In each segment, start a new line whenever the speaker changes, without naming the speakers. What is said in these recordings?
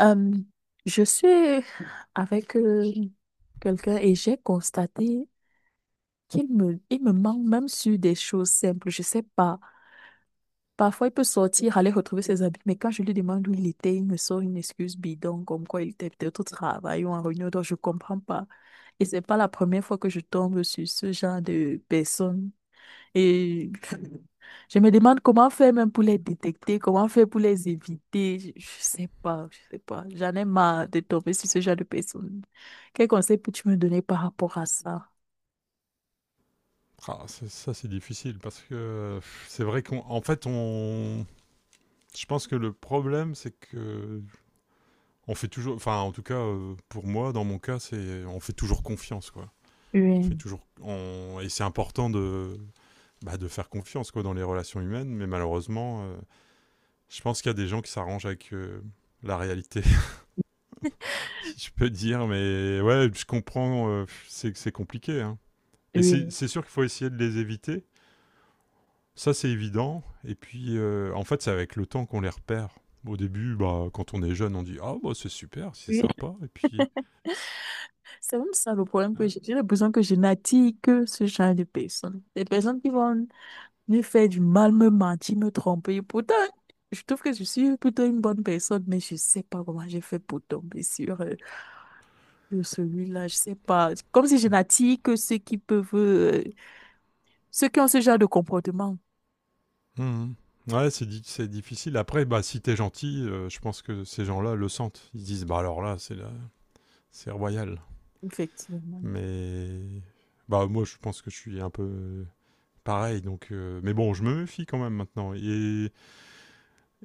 Euh, je suis avec quelqu'un et j'ai constaté qu'il me manque même sur des choses simples. Je sais pas. Parfois, il peut sortir, aller retrouver ses amis, mais quand je lui demande où il était, il me sort une excuse bidon, comme quoi il était peut-être au travail ou en réunion, donc je comprends pas. Et c'est pas la première fois que je tombe sur ce genre de personne. Et je me demande comment faire même pour les détecter, comment faire pour les éviter. Je sais pas, je sais pas. J'en ai marre de tomber sur ce genre de personnes. Quel conseil peux-tu me donner par rapport à ça?
Ah, c'est- ça, c'est difficile parce que c'est vrai qu'en en fait, on, je pense que le problème, c'est que on fait toujours, enfin, en tout cas, pour moi, dans mon cas, c'est on fait toujours confiance, quoi. On fait
Oui,
toujours, on- et c'est important de, bah, de faire confiance, quoi, dans les relations humaines. Mais malheureusement, je pense qu'il y a des gens qui s'arrangent avec la réalité, si je peux dire. Mais ouais, je comprends, c'est compliqué, hein. Et c'est
oui,
c'est sûr qu'il faut essayer de les éviter. Ça, c'est évident. Et puis, en fait, c'est avec le temps qu'on les repère. Au début, bah, quand on est jeune, on dit ah, bah, c'est super, c'est
oui.
sympa. Et puis.
C'est même ça le problème que
Ouais.
j'ai. J'ai l'impression que je n'attire que ce genre de personnes. Des personnes qui vont me faire du mal, me mentir, me tromper. Pourtant, je trouve que je suis plutôt une bonne personne, mais je sais pas comment j'ai fait pour tomber sur eux. De celui-là, je sais pas. Comme si je n'attire que ceux qui peuvent, ceux qui ont ce genre de comportement.
Mhm. Ouais, c'est difficile. Après, bah, si t'es gentil, je pense que ces gens-là le sentent. Ils se disent bah, alors là, c'est royal.
Effectivement,
Mais. Bah, moi, je pense que je suis un peu pareil. Mais bon, je me méfie quand même maintenant.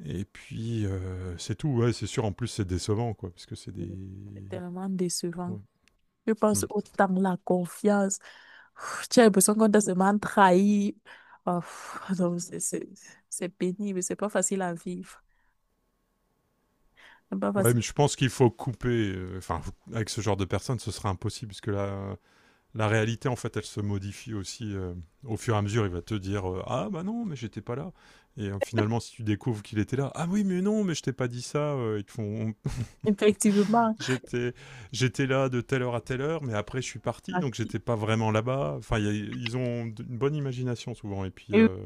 Et puis, c'est tout. Ouais, c'est sûr. En plus, c'est décevant, quoi. Parce que c'est des.
c'est tellement décevant.
Ouais.
Je pense
Hmm.
autant la confiance. Pff, tu as l'impression qu'on t'a seulement trahi. Oh, pff, non, c'est c'est pénible, c'est pas facile à vivre. C'est pas
Ouais,
facile.
mais je pense qu'il faut couper. Enfin, avec ce genre de personnes, ce sera impossible, parce que la réalité, en fait, elle se modifie aussi au fur et à mesure. Il va te dire ah, bah non, mais j'étais pas là. Et finalement, si tu découvres qu'il était là, ah oui, mais non, mais je t'ai pas dit ça. Ils te font
Effectivement.
J'étais j'étais là de telle heure à telle heure, mais après, je suis parti,
Ah,
donc j'étais pas vraiment là-bas. Enfin, une bonne imagination souvent. Et puis,
et oui.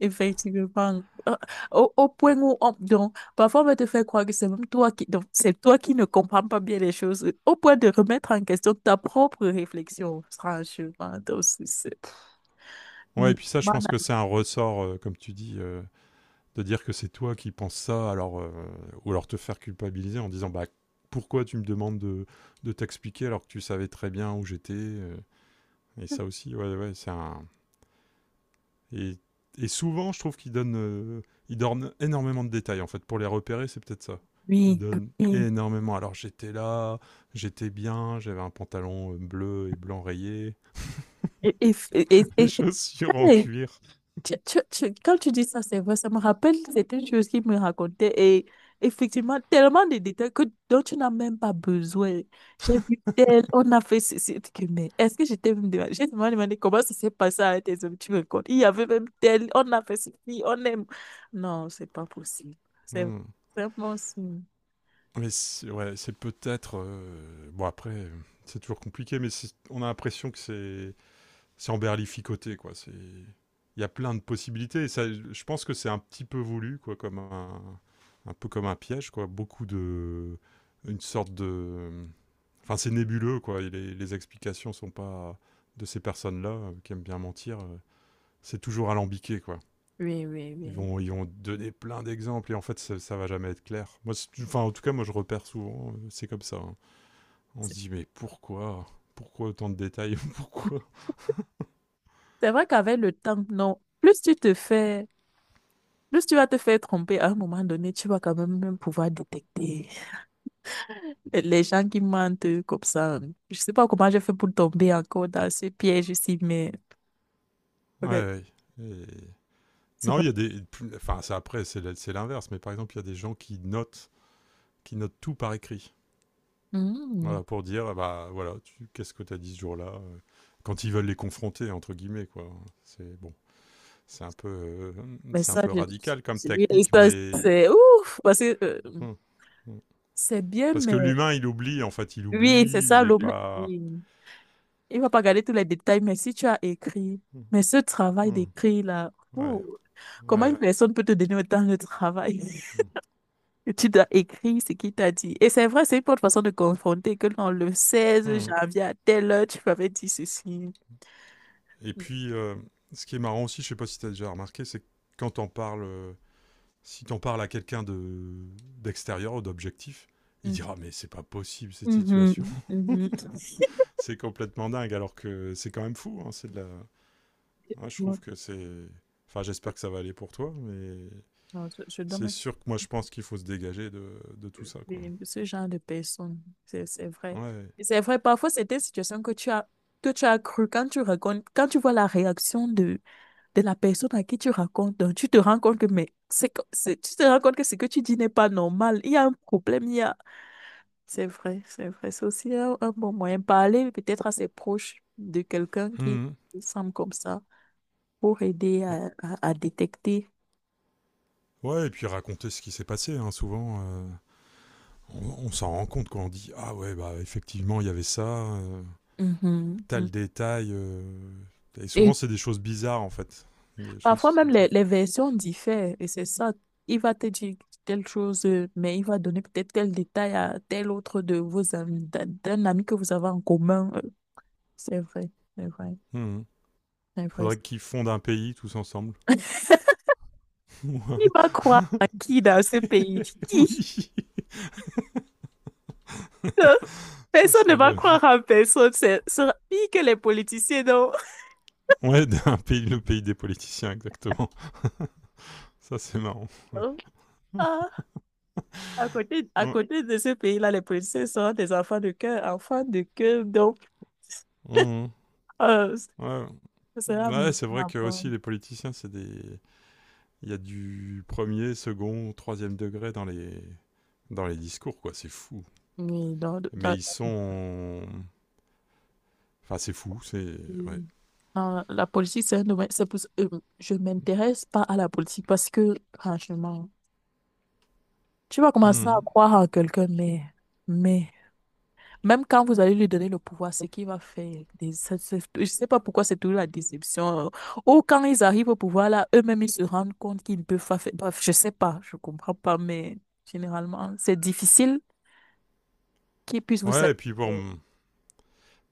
Effectivement. Euh, Au, au point où on, donc, parfois on va te faire croire que c'est même toi qui, donc, c'est toi qui ne comprends pas bien les choses, au point de remettre en question ta propre réflexion, franchement. Donc, c'est
ouais, et
mais,
puis ça, je pense
voilà.
que c'est un ressort, comme tu dis. De dire que c'est toi qui penses ça, alors, ou alors te faire culpabiliser en disant bah, pourquoi tu me demandes de t'expliquer alors que tu savais très bien où j'étais. Et ça aussi, ouais, c'est un. Et, et souvent, je trouve qu'ils donnent, ils donnent énormément de détails en fait. Pour les repérer, c'est peut-être ça. Ils
Oui,
donnent
oui.
énormément. Alors j'étais là, j'étais bien, j'avais un pantalon bleu et blanc rayé,
Et, et, et, et-
des
et- et quand
chaussures en
les
cuir.
Quand tu dis ça, c'est vrai, ça me rappelle certaines choses qu'il me racontait et effectivement, tellement de détails que, dont tu n'as même pas besoin. J'ai vu tel, on a fait ceci, que, mais est-ce que j'étais même demandé, j'ai seulement demandé comment ça s'est passé avec tes hommes, tu me racontes. Il y avait même tel, on a fait ceci, on aime. Non, c'est pas possible. C'est
Hmm.
c'est impossible.
Mais c'est ouais, c'est peut-être. Bon, après, c'est toujours compliqué, mais on a l'impression que c'est emberlificoté, quoi. C'est- Il y a plein de possibilités. Et ça, je pense que c'est un petit peu voulu, quoi, comme un peu comme un piège, quoi. Beaucoup de. Une sorte de. Enfin, c'est nébuleux, quoi. Et les explications sont pas. De ces personnes-là, qui aiment bien mentir, c'est toujours alambiqué, quoi.
Oui, oui, oui.
Ils vont donner plein d'exemples et en fait ça, ça va jamais être clair. Moi, enfin, en tout cas, moi je repère souvent, c'est comme ça. Hein. On se dit mais pourquoi, pourquoi autant de détails, pourquoi.
C'est vrai qu'avec le temps, non, plus tu te fais, plus tu vas te faire tromper, à un moment donné, tu vas quand même, même pouvoir détecter. Les gens qui mentent comme ça, je sais pas comment j'ai fait pour tomber encore dans ce piège ici, mais
Ouais.
ok,
Ouais. Et-
c'est
Non,
pas.
il y a des, enfin ça après c'est l'inverse, mais par exemple il y a des gens qui notent tout par écrit.
Hmm.
Voilà pour dire ah bah voilà, qu'est-ce que tu as dit ce jour-là, quand ils veulent les confronter entre guillemets quoi. C'est bon, c'est un peu, euh,
Mais
c'est un
ça,
peu
je...
radical comme
c'est oui
technique,
ça,
mais.
c'est ouf, parce que
Hmm. Hmm.
c'est bien,
Parce que
mais
l'humain, il oublie, en fait, il
oui, c'est
oublie, il
ça
n'est
le.
pas.
Oui. Il va pas garder tous les détails, mais si tu as écrit, mais ce travail
Hmm.
d'écrit là,
Ouais,
ouh, comment une
ouais.
personne peut te donner autant de travail? Et tu dois écrire ce qu'il t'a dit. Et c'est vrai, c'est une bonne façon de confronter que dans le 16
Hmm.
janvier à telle heure, tu m'avais dit ceci.
Et
Mhm.
puis, ce qui est marrant aussi, je ne sais pas si tu as déjà remarqué, c'est que quand t'en parles, si t'en parles à quelqu'un de d'extérieur ou d'objectif, il dira mais c'est pas possible cette situation,
Mhm, mhm.
c'est complètement dingue, alors que c'est quand même fou. Hein, c'est de la. Ouais, je trouve
Non,
que c'est, enfin j'espère que ça va aller pour toi, mais
non, je dois
c'est
me
sûr que moi je pense qu'il faut se dégager de tout ça quoi.
priver de ce genre de personnes. C'est vrai.
Ouais.
Et c'est vrai, parfois c'est des situations que tu as cru quand tu racontes, quand tu vois la réaction de la personne à qui tu racontes, donc tu te rends compte que, mais c'est, tu te rends compte que ce que tu dis n'est pas normal. Il y a un problème, il y a... C'est vrai, c'est vrai. C'est aussi un bon moyen. Parler peut-être à ses proches de quelqu'un qui
Hmm.
semble comme ça. Pour aider
Ouais.
à détecter.
Ouais, et puis raconter ce qui s'est passé, hein, souvent. On s'en rend compte quand on dit ah ouais, bah effectivement, il y avait ça, euh,
Mhm, mhm.
tel détail. Et
Et
souvent, c'est des choses bizarres, en fait. Des
parfois
choses.
même
Des-
les versions diffèrent et c'est ça. Il va te dire telle chose, mais il va donner peut-être tel détail à tel autre de vos amis, d'un ami que vous avez en commun. C'est vrai, c'est vrai,
Mhm.
c'est vrai.
Faudrait qu'ils fondent un pays tous ensemble.
Qui va croire à qui dans ce pays?
Ouais,
Qui?
oui,
Euh,
ça
Personne ne
serait
va
le.
croire à personne. C'est pire que les politiciens, non?
Ouais, un pays, le pays des politiciens, exactement. Ça, c'est marrant. Ouais.
Ah. À
Ouais.
côté de ce pays-là, les policiers sont des enfants de cœur, enfants de cœur. Donc,
Mhm.
euh,
Ouais.
ce sera
Ouais, c'est vrai
ma
que aussi
bonne-
les politiciens, c'est des. Il y a du premier, second, troisième degré dans les discours, quoi. C'est fou.
Oui,
Mais ils sont. Enfin, c'est fou, c'est. Ouais.
dans la politique, c'est un domaine. C'est pour, je ne m'intéresse pas à la politique parce que, franchement, tu vas commencer à
Mhm.
croire en quelqu'un, mais même quand vous allez lui donner le pouvoir, ce qu'il va faire, je sais pas pourquoi c'est toujours la déception. Ou quand ils arrivent au pouvoir, là, eux-mêmes, ils se rendent compte qu'ils ne peuvent pas faire. Bref, je sais pas, je comprends pas, mais généralement, c'est difficile qu'ils puissent vous
Ouais, et
satisfaire.
puis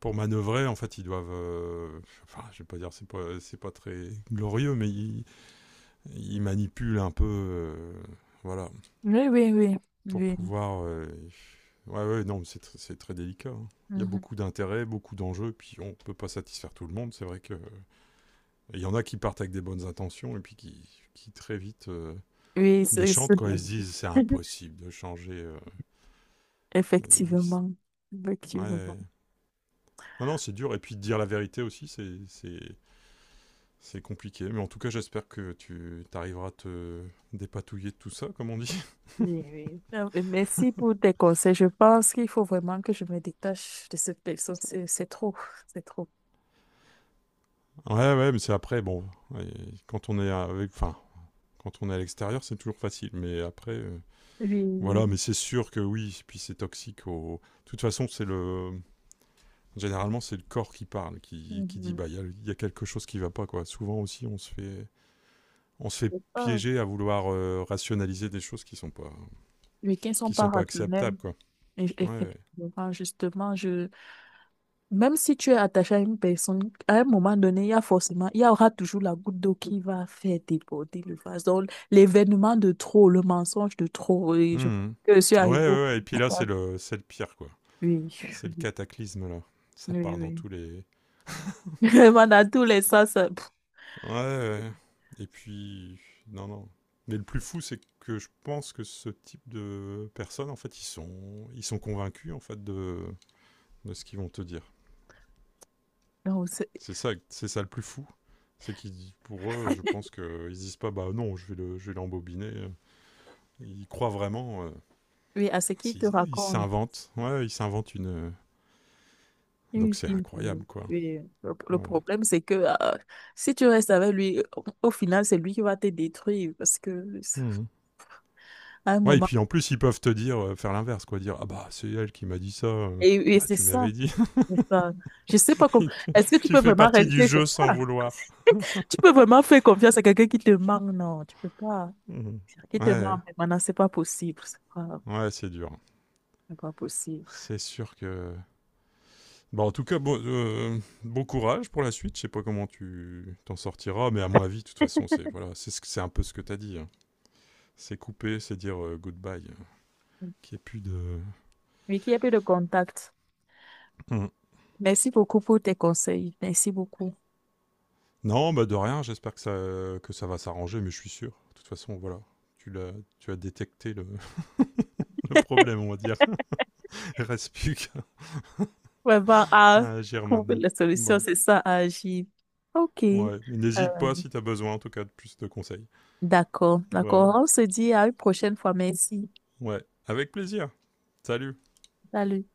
pour manœuvrer, en fait, ils doivent. Enfin, je vais pas dire, c'est pas très glorieux, mais ils manipulent un peu. Voilà.
Oui, oui, oui,
Pour
oui.
pouvoir. Ouais, ouais, non, c'est très délicat. Hein. Il y a
Mhm.
beaucoup d'intérêts, beaucoup d'enjeux, puis on peut pas satisfaire tout le monde. C'est vrai que. Il y en a qui partent avec des bonnes intentions et puis qui très vite
Oui, c'est,
déchantent
c'est-
quand ils se disent c'est impossible de changer. Oui,
effectivement,
ouais.
effectivement.
Non, non, c'est dur. Et puis dire la vérité aussi, c'est compliqué. Mais en tout cas, j'espère que tu arriveras à te dépatouiller de tout ça, comme on dit.
Oui, oui. Merci pour tes conseils. Je pense qu'il faut vraiment que je me détache de cette personne. C'est trop, c'est trop.
Ouais, ouais, mais c'est après, bon, ouais, quand on est avec, enfin, quand on est à l'extérieur, c'est toujours facile. Mais après,
Oui.
voilà, mais c'est sûr que oui, puis c'est toxique. Au... De toute façon, c'est le, généralement, c'est le corps qui parle,
Oui.
qui dit
Mhm.
bah il y a, y a quelque chose qui va pas quoi. Souvent aussi, on se fait
C'est ça.
piéger à vouloir rationaliser des choses
Les week-ends sont
qui
pas
sont pas
rationnels.
acceptables quoi.
Et-
Ouais.
effectivement, justement, je... même si tu es attaché à une personne, à un moment donné, il y a forcément, il y aura toujours la goutte d'eau qui va faire déborder le vase. Donc, l'événement de trop, le mensonge de trop, et je,
Mhm.
que je suis
Ouais,
arrivée au
ouais, ouais. Et puis là, c'est le pire quoi.
oui,
C'est le cataclysme là. Ça
oui,
part dans
oui.
tous les.
Vraiment, dans tous les sens. Pff.
Ouais. Ouais. Et puis non non. Mais le plus fou, c'est que je pense que ce type de personnes, en fait, ils sont convaincus en fait de ce qu'ils vont te dire.
Non, c'est-
C'est ça le plus fou. C'est qu'ils, pour eux, je pense qu'ils disent pas, bah non, je vais l'embobiner. Ils croient vraiment.
oui, à ce qu'il te
Ils
raconte.
s'inventent. Ouais, ils s'inventent une.
Une
Donc c'est
fille,
incroyable,
oui.
quoi.
Oui. Le
Voilà.
problème, c'est que si tu restes avec lui, au, au final, c'est lui qui va te détruire parce que
Mmh.
à un
Ouais, et
moment,
puis en plus, ils peuvent te dire, faire l'inverse, quoi. Dire, ah bah, c'est elle qui m'a dit ça.
et
Bah,
c'est
tu
ça,
m'avais dit.
c'est ça. Je sais pas comment.
tu,
Est-ce que tu
tu
peux
fais
vraiment
partie du
rester? C'est
jeu sans
ça.
vouloir.
Tu peux vraiment faire confiance à quelqu'un qui te manque? Non, tu peux pas.
Mhm.
Qui te
Ouais,
manque maintenant, c'est pas possible.
ouais, c'est dur.
C'est pas possible.
C'est sûr que bah, en tout cas, bon, bon courage pour la suite. Je sais pas comment tu t'en sortiras, mais à mon avis, de toute façon, c'est voilà, c'est ce que- c'est un peu ce que t'as dit. Hein. C'est couper, c'est dire goodbye. Qu'il n'y ait plus de.
Mais qu'il n'y ait plus de contact.
Hmm.
Merci beaucoup pour tes conseils. Merci beaucoup.
Non, bah de rien. J'espère que ça va s'arranger, mais je suis sûr. De toute façon, voilà, tu l'as tu as détecté le, le problème, on va dire. Reste plus qu'à
Vraiment à
à agir
trouver
maintenant.
les solutions,
Bah
c'est ça, à agir. OK.
ouais, mais n'hésite pas si t'as besoin, en tout cas, de plus de conseils.
D'accord,
Voilà.
d'accord. On se dit à une prochaine fois. Merci.
Ouais, avec plaisir. Salut.
Salut.